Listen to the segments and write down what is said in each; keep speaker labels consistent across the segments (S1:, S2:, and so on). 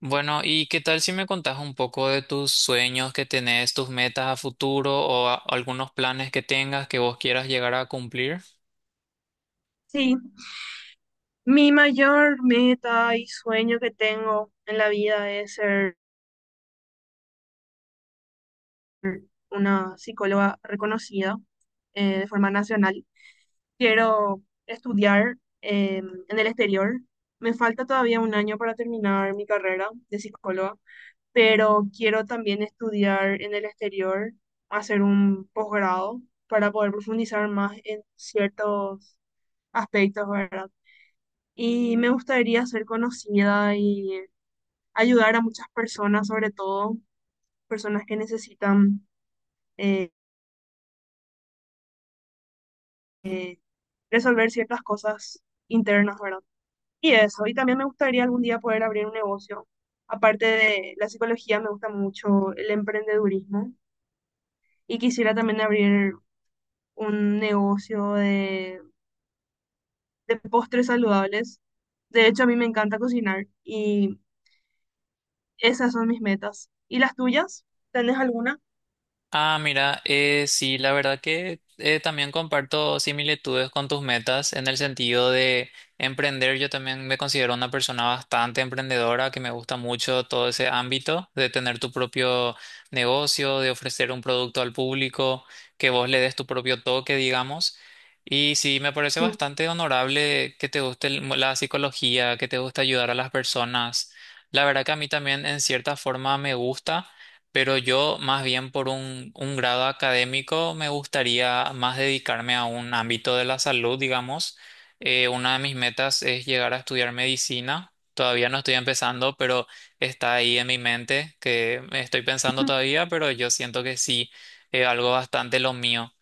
S1: Bueno, ¿y qué tal si me contás un poco de tus sueños que tenés, tus metas a futuro o algunos planes que tengas que vos quieras llegar a cumplir?
S2: Sí, mi mayor meta y sueño que tengo en la vida es ser una psicóloga reconocida de forma nacional. Quiero estudiar eh, en el exterior. Me falta todavía un año para terminar mi carrera de psicóloga, pero quiero también estudiar en el exterior, hacer un posgrado para poder profundizar más en ciertos aspectos, ¿verdad? Y me gustaría ser conocida y ayudar a muchas personas, sobre todo personas que necesitan eh, resolver ciertas cosas internas, ¿verdad? Y eso, y también me gustaría algún día poder abrir un negocio. Aparte de la psicología, me gusta mucho el emprendedurismo y quisiera también abrir un negocio de postres saludables. De hecho, a mí me encanta cocinar y esas son mis metas. ¿Y las tuyas? ¿Tenés alguna?
S1: Ah, mira, sí, la verdad que también comparto similitudes con tus metas en el sentido de emprender. Yo también me considero una persona bastante emprendedora, que me gusta mucho todo ese ámbito de tener tu propio negocio, de ofrecer un producto al público, que vos le des tu propio toque, digamos. Y sí, me parece
S2: Sí,
S1: bastante honorable que te guste la psicología, que te guste ayudar a las personas. La verdad que a mí también en cierta forma me gusta. Pero yo, más bien por un grado académico, me gustaría más dedicarme a un ámbito de la salud, digamos. Una de mis metas es llegar a estudiar medicina. Todavía no estoy empezando, pero está ahí en mi mente, que estoy pensando todavía, pero yo siento que sí, algo bastante lo mío.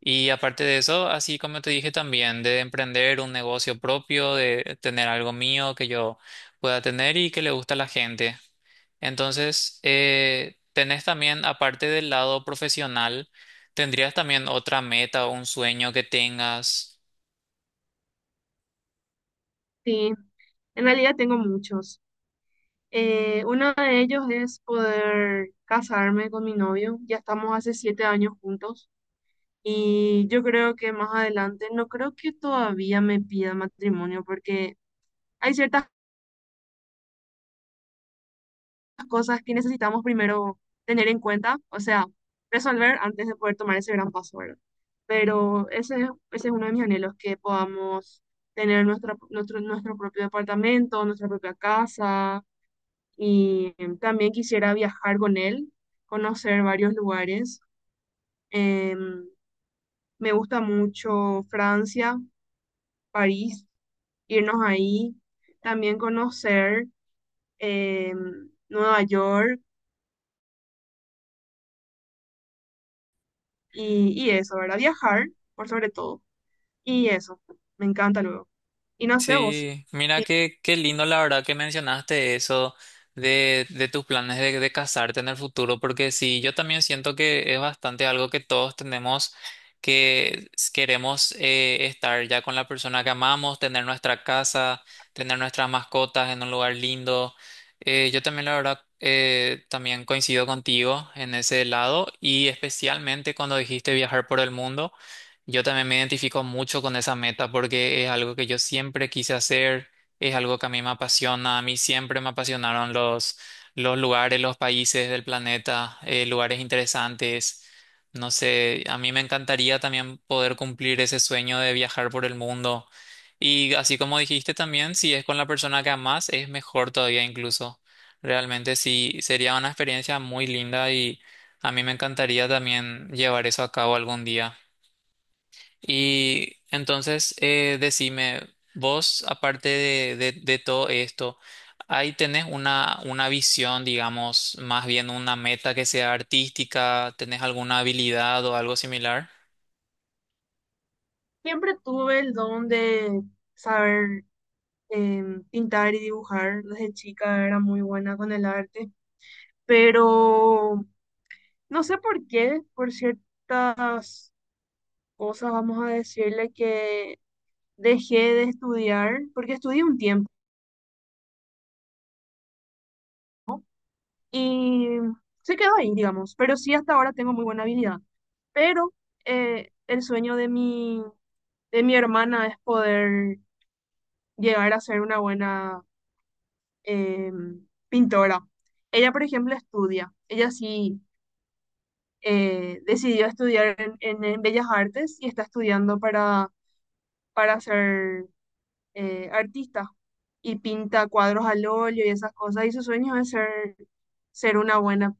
S1: Y aparte de eso, así como te dije también, de emprender un negocio propio, de tener algo mío que yo pueda tener y que le guste a la gente. Entonces, tenés también, aparte del lado profesional, ¿tendrías también otra meta o un sueño que tengas?
S2: sí. En realidad tengo muchos. Uno de ellos es poder casarme con mi novio. Ya estamos hace 7 años juntos y yo creo que más adelante no creo que todavía me pida matrimonio porque hay ciertas cosas que necesitamos primero tener en cuenta, o sea, resolver antes de poder tomar ese gran paso, ¿verdad? Pero ese es uno de mis anhelos, que podamos tener nuestro propio departamento, nuestra propia casa y también quisiera viajar con él, conocer varios lugares. Em, Me gusta mucho Francia, París, irnos ahí, también conocer Nueva York y eso, ¿verdad? Viajar, por sobre todo. Y eso, me encanta luego. Y no sé vos,
S1: Sí, mira qué lindo la verdad que mencionaste eso de tus planes de casarte en el futuro, porque sí, yo también siento que es bastante algo que todos tenemos, que queremos estar ya con la persona que amamos, tener nuestra casa, tener nuestras mascotas en un lugar lindo. Yo también la verdad también coincido contigo en ese lado y especialmente cuando dijiste viajar por el mundo. Yo también me identifico mucho con esa meta porque es algo que yo siempre quise hacer, es algo que a mí me apasiona, a mí siempre me apasionaron los lugares, los países del planeta, lugares interesantes. No sé, a mí me encantaría también poder cumplir ese sueño de viajar por el mundo. Y así como dijiste también, si es con la persona que amas, es mejor todavía incluso. Realmente sí, sería una experiencia muy linda y a mí me encantaría también llevar eso a cabo algún día. Y entonces, decime, vos, aparte de todo esto, ahí tenés una visión, digamos, más bien una meta que sea artística, tenés alguna habilidad o algo similar.
S2: siempre tuve el don de saber pintar y dibujar. Desde chica era muy buena con el arte, pero no sé por qué, por ciertas cosas, vamos a decirle que dejé de estudiar, porque estudié un tiempo y se quedó ahí, digamos, pero sí hasta ahora tengo muy buena habilidad. Pero el sueño de mi hermana es poder llegar a ser una buena eh, pintora. Ella, por ejemplo, estudia. Ella sí decidió estudiar en Bellas Artes y está estudiando para ser artista y pinta cuadros al óleo y esas cosas. Y su sueño es ser una buena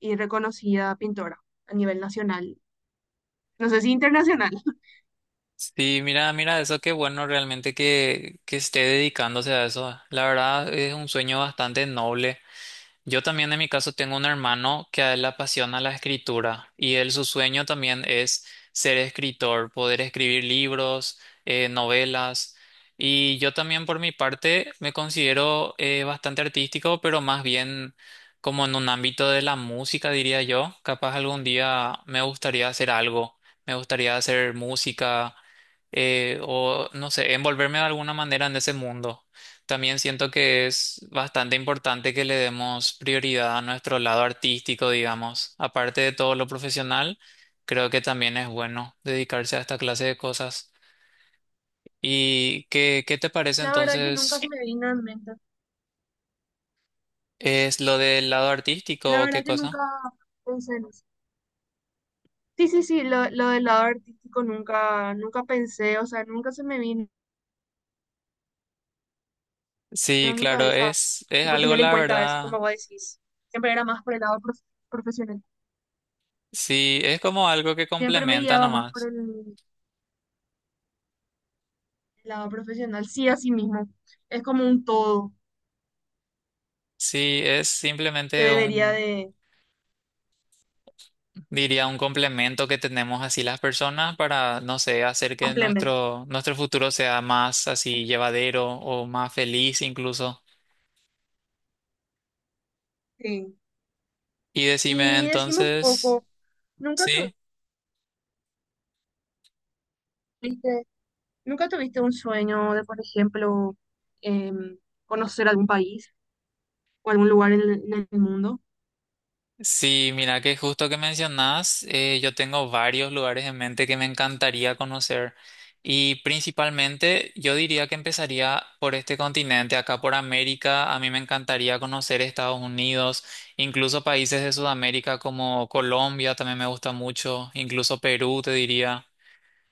S2: y reconocida pintora a nivel nacional. No sé si internacional.
S1: Sí, mira, eso qué bueno realmente que esté dedicándose a eso. La verdad es un sueño bastante noble. Yo también en mi caso tengo un hermano que a él le apasiona la escritura y él su sueño también es ser escritor, poder escribir libros, novelas. Y yo también por mi parte me considero bastante artístico, pero más bien como en un ámbito de la música, diría yo. Capaz algún día me gustaría hacer algo, me gustaría hacer música o no sé, envolverme de alguna manera en ese mundo. También siento que es bastante importante que le demos prioridad a nuestro lado artístico, digamos. Aparte de todo lo profesional, creo que también es bueno dedicarse a esta clase de cosas. ¿Y qué te parece
S2: La verdad que nunca se
S1: entonces?
S2: me vino en mente.
S1: ¿Es lo del lado artístico
S2: La
S1: o qué
S2: verdad que
S1: cosa?
S2: nunca pensé en eso. Sí, lo del lado artístico nunca pensé, o sea, nunca se me vino a
S1: Sí,
S2: mi
S1: claro,
S2: cabeza,
S1: es
S2: tipo,
S1: algo,
S2: tener en
S1: la
S2: cuenta eso, como
S1: verdad.
S2: vos decís. Siempre era más por el profesional.
S1: Sí, es como algo que
S2: Siempre me
S1: complementa
S2: guiaba más por
S1: nomás.
S2: el lado profesional, sí, así mismo. Es como un todo
S1: Sí, es
S2: que
S1: simplemente
S2: debería
S1: un.
S2: de
S1: Diría un complemento que tenemos así las personas para, no sé, hacer que
S2: complementar.
S1: nuestro futuro sea más así llevadero o más feliz incluso.
S2: Sí.
S1: Y decime
S2: Y decimos un
S1: entonces,
S2: poco, ¿nunca
S1: ¿sí?
S2: tuviste, ¿nunca tuviste un sueño de, por ejemplo, em, conocer algún país o algún lugar en el mundo?
S1: Sí, mira que justo que mencionás, yo tengo varios lugares en mente que me encantaría conocer y principalmente yo diría que empezaría por este continente, acá por América, a mí me encantaría conocer Estados Unidos, incluso países de Sudamérica como Colombia también me gusta mucho, incluso Perú te diría.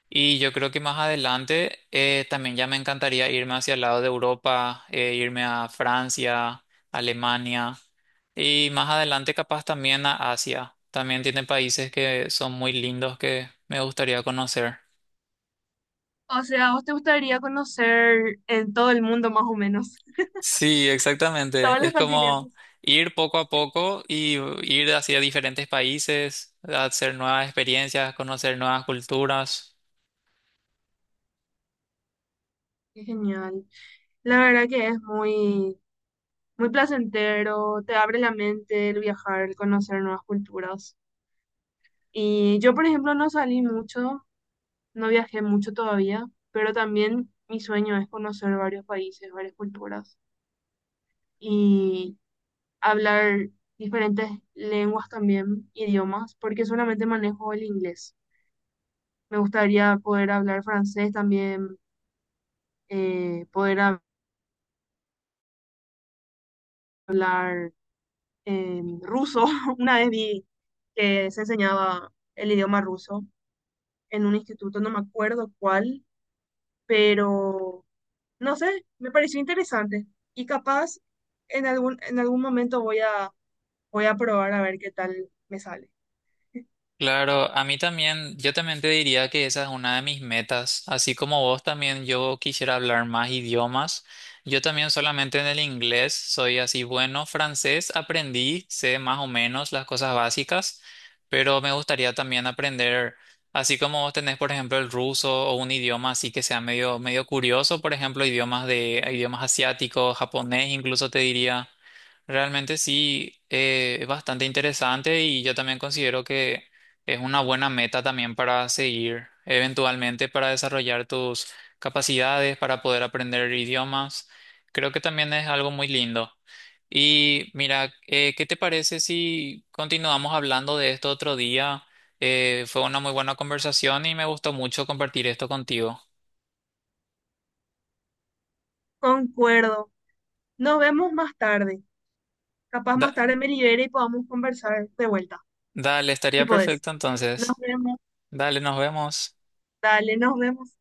S1: Y yo creo que más adelante también ya me encantaría irme hacia el lado de Europa, irme a Francia, Alemania y más adelante capaz también a Asia. También tiene países que son muy lindos que me gustaría conocer.
S2: O sea, ¿a ¿vos te gustaría conocer en todo el mundo más o menos?
S1: Sí, exactamente.
S2: Todos los
S1: Es como
S2: continentes.
S1: ir poco a poco y ir hacia diferentes países, hacer nuevas experiencias, conocer nuevas culturas.
S2: Qué genial. La verdad que es muy placentero, te abre la mente el viajar, el conocer nuevas culturas. Y yo, por ejemplo, no salí mucho, no viajé mucho todavía, pero también mi sueño es conocer varios países, varias culturas y hablar diferentes lenguas también, idiomas, porque solamente manejo el inglés. Me gustaría poder hablar francés también, eh, poder hab- hablar ruso. Una vez vi que se enseñaba el idioma ruso en un instituto, no me acuerdo cuál, pero no sé, me pareció interesante y capaz en algún momento voy a probar a ver qué tal me sale.
S1: Claro, a mí también, yo también te diría que esa es una de mis metas. Así como vos también, yo quisiera hablar más idiomas. Yo también solamente en el inglés soy así bueno. Francés aprendí, sé más o menos las cosas básicas, pero me gustaría también aprender, así como vos tenés, por ejemplo, el ruso o un idioma así que sea medio curioso, por ejemplo, idiomas asiáticos, japonés, incluso te diría. Realmente sí, es bastante interesante y yo también considero que es una buena meta también para seguir eventualmente para desarrollar tus capacidades, para poder aprender idiomas. Creo que también es algo muy lindo. Y mira, ¿qué te parece si continuamos hablando de esto otro día? Fue una muy buena conversación y me gustó mucho compartir esto contigo.
S2: Concuerdo. Nos vemos más tarde. Capaz
S1: Da-
S2: más tarde me libere y podamos conversar de vuelta.
S1: Dale,
S2: Si
S1: estaría
S2: podés.
S1: perfecto
S2: Nos
S1: entonces.
S2: vemos.
S1: Dale, nos vemos.
S2: Dale, nos vemos.